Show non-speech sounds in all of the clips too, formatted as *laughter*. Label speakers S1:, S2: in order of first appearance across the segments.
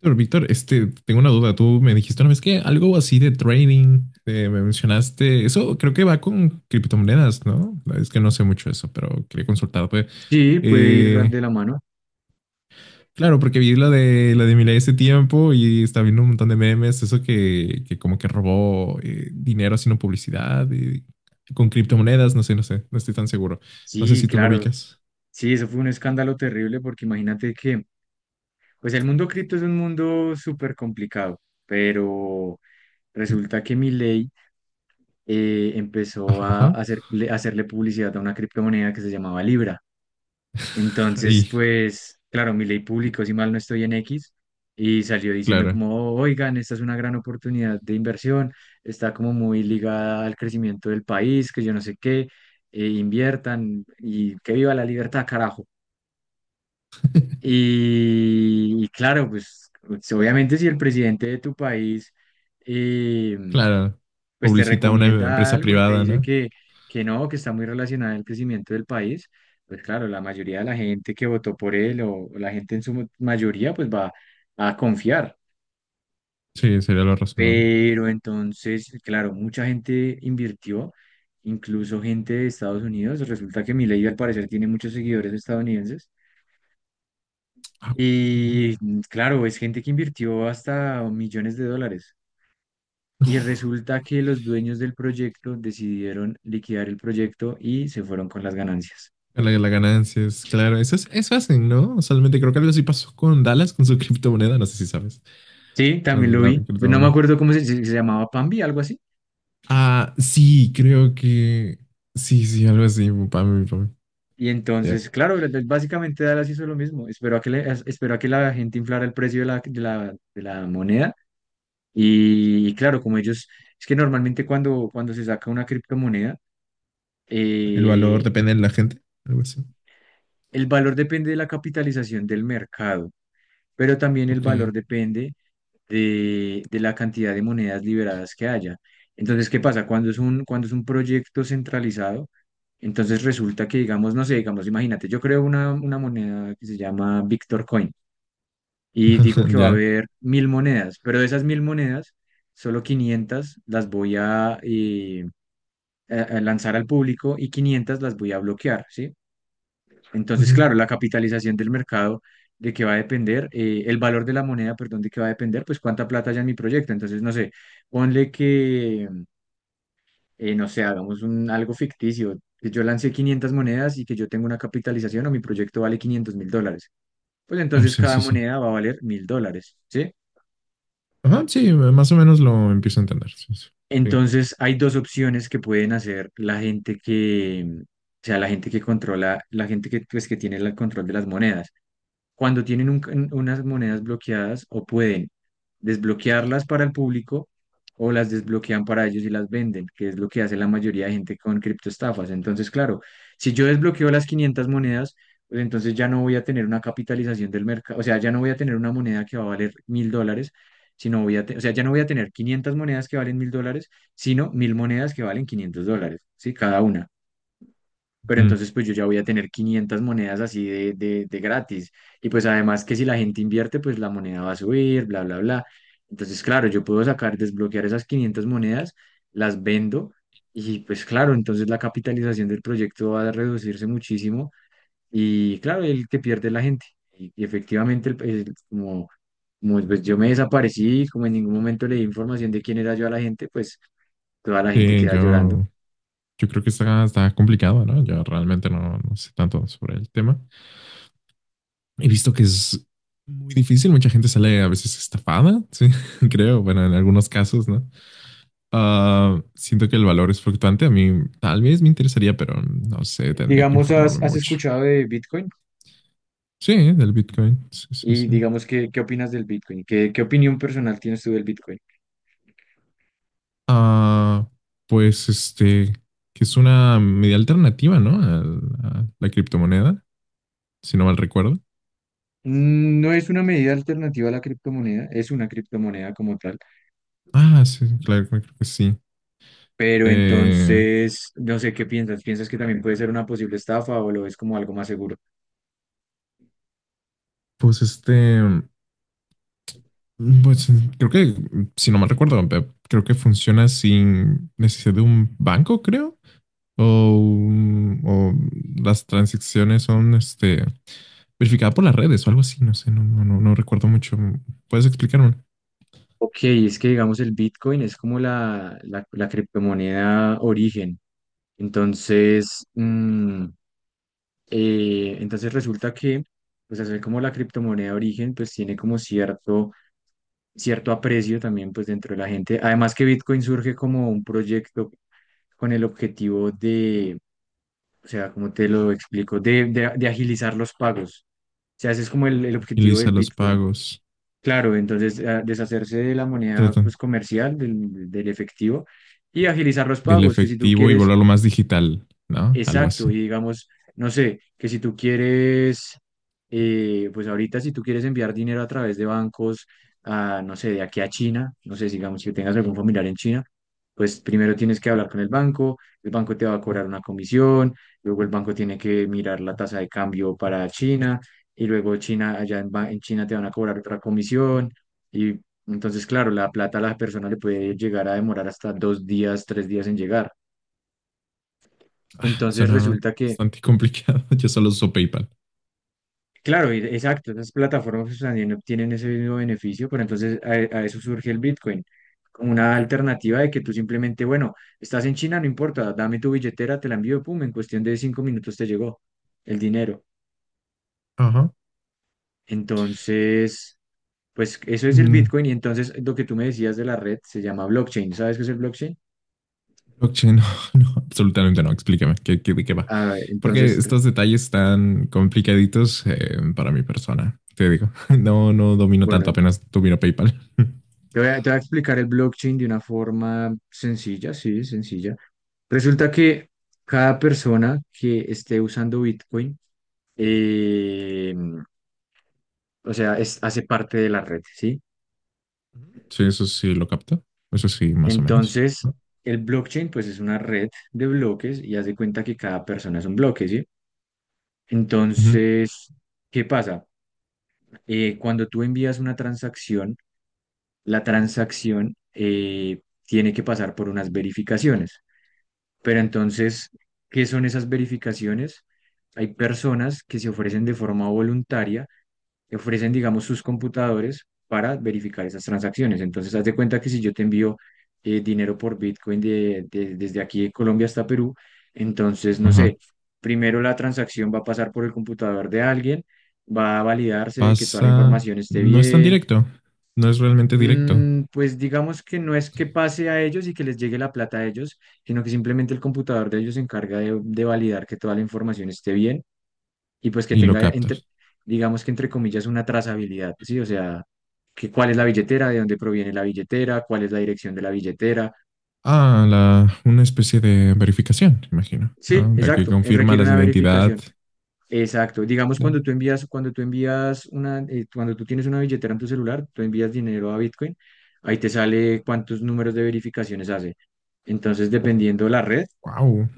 S1: Pero Víctor, tengo una duda. Tú me dijiste una vez que algo así de trading, me mencionaste. Eso creo que va con criptomonedas, ¿no? Es que no sé mucho eso, pero quería consultarte.
S2: Sí, puede ir de
S1: Eh,
S2: la mano.
S1: claro, porque vi la de Milei ese tiempo y estaba viendo un montón de memes, eso que como que robó dinero haciendo publicidad con criptomonedas, no sé, no estoy tan seguro. No sé
S2: Sí,
S1: si tú lo
S2: claro.
S1: ubicas.
S2: Sí, eso fue un escándalo terrible porque imagínate que, pues el mundo cripto es un mundo súper complicado, pero resulta que Milei empezó
S1: Ajá,
S2: a
S1: ajá.
S2: hacerle publicidad a una criptomoneda que se llamaba Libra.
S1: *laughs*
S2: Entonces,
S1: Ahí,
S2: pues, claro, Milei
S1: y-
S2: publicó, si mal no estoy, en X, y salió diciendo
S1: claro,
S2: como, "Oh, oigan, esta es una gran oportunidad de inversión, está como muy ligada al crecimiento del país, que yo no sé qué, inviertan y que viva la libertad, carajo." Y claro, pues, obviamente si el presidente de tu país, eh,
S1: claro.
S2: pues te
S1: Publicita una
S2: recomienda
S1: empresa
S2: algo y te
S1: privada,
S2: dice
S1: ¿no?
S2: que no, que está muy relacionado el crecimiento del país, pues claro, la mayoría de la gente que votó por él o la gente en su mayoría pues va a confiar.
S1: Sí, sería lo razonable.
S2: Pero entonces, claro, mucha gente invirtió, incluso gente de Estados Unidos. Resulta que Milei al parecer tiene muchos seguidores estadounidenses.
S1: Ah, ok.
S2: Y claro, es gente que invirtió hasta millones de dólares. Y resulta que los dueños del proyecto decidieron liquidar el proyecto y se fueron con las ganancias.
S1: La ganancia es, claro, es, eso hacen, ¿no? Usualmente creo que algo así pasó con Dallas, con su *laughs* criptomoneda, no sé si sabes,
S2: Sí, también
S1: con
S2: lo
S1: la
S2: vi. No me
S1: criptomoneda.
S2: acuerdo cómo se llamaba, Pambi, algo así.
S1: Ah, sí, creo que, sí, sí, algo así, para mí.
S2: Y
S1: Ya.
S2: entonces, claro, básicamente Dallas hizo lo mismo. Esperó a que, le- as- esperó a que la gente inflara el precio de la moneda. Y claro, como ellos, es que normalmente cuando se saca una criptomoneda,
S1: El valor
S2: eh,
S1: depende de la gente, algo así.
S2: el valor depende de la capitalización del mercado, pero también el
S1: Ok,
S2: valor depende de la cantidad de monedas liberadas que haya. Entonces, ¿qué pasa? Cuando es un proyecto centralizado, entonces resulta que, digamos, no sé, digamos, imagínate, yo creo una moneda que se llama Victor Coin y digo que
S1: *laughs*
S2: va a
S1: ya.
S2: haber mil monedas, pero de esas mil monedas, solo 500 las voy a lanzar al público y 500 las voy a bloquear, ¿sí? Entonces, claro,
S1: Ujú.
S2: la capitalización del mercado de que va a depender, el valor de la moneda, perdón, de que va a depender, pues cuánta plata haya en mi proyecto. Entonces, no sé, ponle que, no sé, hagamos un, algo ficticio, que yo lancé 500 monedas y que yo tengo una capitalización o mi proyecto vale $500.000. Pues
S1: Ah,
S2: entonces
S1: sí,
S2: cada
S1: sí, sí.
S2: moneda va a valer mil dólares, ¿sí?
S1: Ajá, sí, más o menos lo empiezo a entender. Sí, sí. Sí,
S2: Entonces, hay dos opciones que pueden hacer la gente, que, o sea, la gente que controla, la gente que, pues, que tiene el control de las monedas. Cuando tienen unas monedas bloqueadas, o pueden desbloquearlas para el público, o las desbloquean para ellos y las venden, que es lo que hace la mayoría de gente con criptoestafas. Entonces, claro, si yo desbloqueo las 500 monedas, pues entonces ya no voy a tener una capitalización del mercado, o sea, ya no voy a tener una moneda que va a valer mil dólares, sino voy a, o sea, ya no voy a tener 500 monedas que valen mil dólares, sino mil monedas que valen $500, ¿sí? Cada una. Pero
S1: ujú.
S2: entonces pues yo ya voy a tener 500 monedas así de gratis. Y pues además que si la gente invierte, pues la moneda va a subir, bla, bla, bla. Entonces, claro, yo puedo sacar, desbloquear esas 500 monedas, las vendo y pues claro, entonces la capitalización del proyecto va a reducirse muchísimo y claro, el que pierde es la gente. Y efectivamente, como pues, yo me desaparecí, como en ningún momento le di información de quién era yo a la gente, pues toda la gente
S1: Sí,
S2: queda llorando.
S1: yo creo que está, está complicado, ¿no? Yo realmente no, no sé tanto sobre el tema. He visto que es muy difícil, mucha gente sale a veces estafada, sí, *laughs* creo, bueno, en algunos casos, ¿no? Ah, siento que el valor es fluctuante, a mí tal vez me interesaría, pero no sé, tendría que
S2: Digamos, ¿has,
S1: informarme
S2: has
S1: mucho.
S2: escuchado de Bitcoin?
S1: Sí, ¿eh? Del Bitcoin, sí, sí,
S2: Y
S1: sí.
S2: digamos, ¿qué opinas del Bitcoin? ¿Qué opinión personal tienes tú del Bitcoin?
S1: Ah, pues que es una media alternativa, ¿no? A la criptomoneda, si no mal recuerdo.
S2: No es una medida alternativa a la criptomoneda, es una criptomoneda como tal,
S1: Ah, sí, claro, creo que sí.
S2: pero
S1: Eh,
S2: entonces, no sé, ¿qué piensas? ¿Piensas que también puede ser una posible estafa o lo ves como algo más seguro?
S1: pues pues creo que, si no mal recuerdo, creo que funciona sin necesidad de un banco, creo. O las transacciones son verificadas por las redes o algo así, no sé, no recuerdo mucho. ¿Puedes explicarme?
S2: Ok, es que digamos el Bitcoin es como la criptomoneda origen. Entonces, entonces resulta que, pues hacer como la criptomoneda origen, pues tiene como cierto cierto aprecio también, pues dentro de la gente. Además que Bitcoin surge como un proyecto con el objetivo de, o sea, cómo te lo explico, de agilizar los pagos. O sea, ese es como el objetivo
S1: Agiliza
S2: del
S1: los
S2: Bitcoin.
S1: pagos,
S2: Claro, entonces deshacerse de la moneda
S1: tratan
S2: pues comercial, del efectivo, y agilizar los
S1: del
S2: pagos, que si tú
S1: efectivo y
S2: quieres.
S1: volverlo más digital, ¿no? Algo
S2: Exacto,
S1: así.
S2: y digamos, no sé, que si tú quieres, pues ahorita si tú quieres enviar dinero a través de bancos, a, no sé, de aquí a China, no sé, digamos que tengas algún familiar en China, pues primero tienes que hablar con el banco te va a cobrar una comisión, luego el banco tiene que mirar la tasa de cambio para China, y luego China, allá en China te van a cobrar otra comisión, y entonces, claro, la plata a la persona le puede llegar a demorar hasta 2 días, 3 días en llegar. Entonces
S1: Suena
S2: resulta que.
S1: bastante complicado. *laughs* Yo solo uso PayPal.
S2: Claro, exacto, esas plataformas pues, también obtienen ese mismo beneficio, pero entonces a eso surge el Bitcoin, como una alternativa de que tú simplemente, bueno, estás en China, no importa, dame tu billetera, te la envío, pum, en cuestión de 5 minutos te llegó el dinero.
S1: Ajá.
S2: Entonces, pues eso es el
S1: Mm,
S2: Bitcoin, y entonces lo que tú me decías de la red se llama blockchain. ¿Sabes qué es el blockchain?
S1: blockchain, no, *laughs* no, absolutamente no. Explícame, ¿de qué va?
S2: Ah,
S1: Porque
S2: entonces,
S1: estos detalles están complicaditos para mi persona, te digo. *laughs* No, no domino tanto,
S2: bueno,
S1: apenas domino PayPal. *laughs*
S2: te voy a explicar el blockchain de una forma sencilla, sí, sencilla. Resulta que cada persona que esté usando Bitcoin, eh, o sea, hace parte de la red, ¿sí?
S1: Sí, eso sí lo capto. Eso sí, más o menos.
S2: Entonces, el blockchain, pues, es una red de bloques y haz de cuenta que cada persona es un bloque, ¿sí?
S1: Ujú.
S2: Entonces, ¿qué pasa? Cuando tú envías una transacción, la transacción tiene que pasar por unas verificaciones. Pero entonces, ¿qué son esas verificaciones? Hay personas que se ofrecen de forma voluntaria, que ofrecen, digamos, sus computadores para verificar esas transacciones. Entonces, haz de cuenta que si yo te envío dinero por Bitcoin desde aquí de Colombia hasta Perú, entonces, no
S1: Ajá.
S2: sé, primero la transacción va a pasar por el computador de alguien, va a validarse de que toda la
S1: Pasa,
S2: información esté
S1: no es tan
S2: bien.
S1: directo, no es realmente directo
S2: Pues digamos que no es que pase a ellos y que les llegue la plata a ellos, sino que simplemente el computador de ellos se encarga de validar que toda la información esté bien y pues que
S1: y lo
S2: tenga,
S1: captas.
S2: digamos que entre comillas, una trazabilidad, ¿sí? O sea, que cuál es la billetera, de dónde proviene la billetera, cuál es la dirección de la billetera.
S1: Ah, una especie de verificación, imagino,
S2: Sí,
S1: ¿no? La que
S2: exacto,
S1: confirma
S2: requiere
S1: la
S2: una
S1: identidad.
S2: verificación. Exacto. Digamos, cuando tú tienes una billetera en tu celular, tú envías dinero a Bitcoin, ahí te sale cuántos números de verificaciones hace. Entonces, dependiendo la red,
S1: Wow,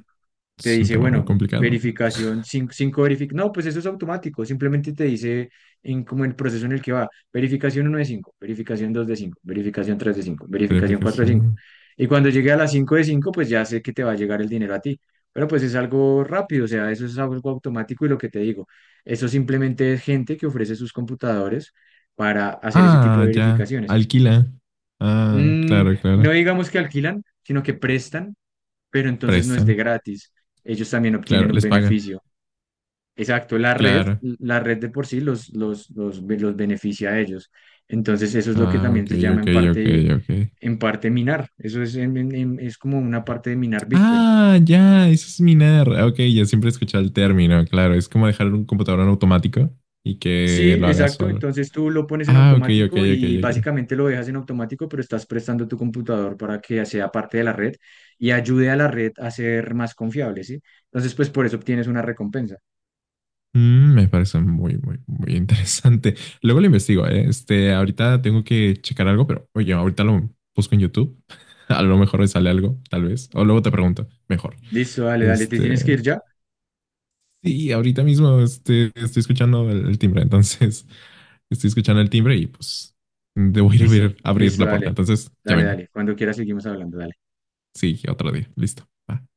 S2: te
S1: es un
S2: dice,
S1: tema muy
S2: bueno,
S1: complicado.
S2: verificación, cinco, cinco verific No, pues eso es automático, simplemente te dice como el proceso en el que va, verificación uno de cinco, verificación 2 de cinco, verificación 3 de cinco, verificación 4 de cinco.
S1: Verificación.
S2: Y cuando llegue a las 5 de cinco, pues ya sé que te va a llegar el dinero a ti. Pero pues es algo rápido, o sea, eso es algo automático, y lo que te digo, eso simplemente es gente que ofrece sus computadores para hacer ese tipo de
S1: Ah, ya.
S2: verificaciones.
S1: Alquila. Ah,
S2: Mm,
S1: claro,
S2: no
S1: claro.
S2: digamos que alquilan, sino que prestan, pero entonces no es de
S1: Prestan.
S2: gratis. Ellos también
S1: Claro,
S2: obtienen un
S1: les pagan.
S2: beneficio. Exacto, la red,
S1: Claro.
S2: la red de por sí los beneficia a ellos. Entonces eso es lo que
S1: Ah,
S2: también
S1: ok,
S2: se llama,
S1: ok,
S2: en
S1: ok,
S2: parte,
S1: ok.
S2: en parte minar. Eso es, es como una parte de minar Bitcoin.
S1: Ah, ya, eso es minar. Ah, ok, ya siempre he escuchado el término, claro. Es como dejar un computador en automático y
S2: Sí,
S1: que lo haga
S2: exacto.
S1: solo.
S2: Entonces tú lo pones en
S1: Ah, ok, ok,
S2: automático
S1: ok,
S2: y
S1: ok.
S2: básicamente lo dejas en automático, pero estás prestando tu computador para que sea parte de la red y ayude a la red a ser más confiable, ¿sí? Entonces, pues por eso obtienes una recompensa.
S1: Mm, me parece muy interesante. Luego lo investigo, ¿eh? Ahorita tengo que checar algo, pero oye, ahorita lo busco en YouTube. *laughs* A lo mejor me sale algo, tal vez. O luego te pregunto, mejor.
S2: Listo, dale, dale. ¿Te tienes que
S1: Este,
S2: ir ya?
S1: sí, ahorita mismo estoy escuchando el timbre, entonces *laughs* estoy escuchando el timbre y pues debo ir a
S2: Listo,
S1: abrir, abrir
S2: listo,
S1: la puerta.
S2: dale.
S1: Entonces ya
S2: Dale,
S1: vengo.
S2: dale. Cuando quieras seguimos hablando, dale.
S1: Sí, otro día. Listo. Va.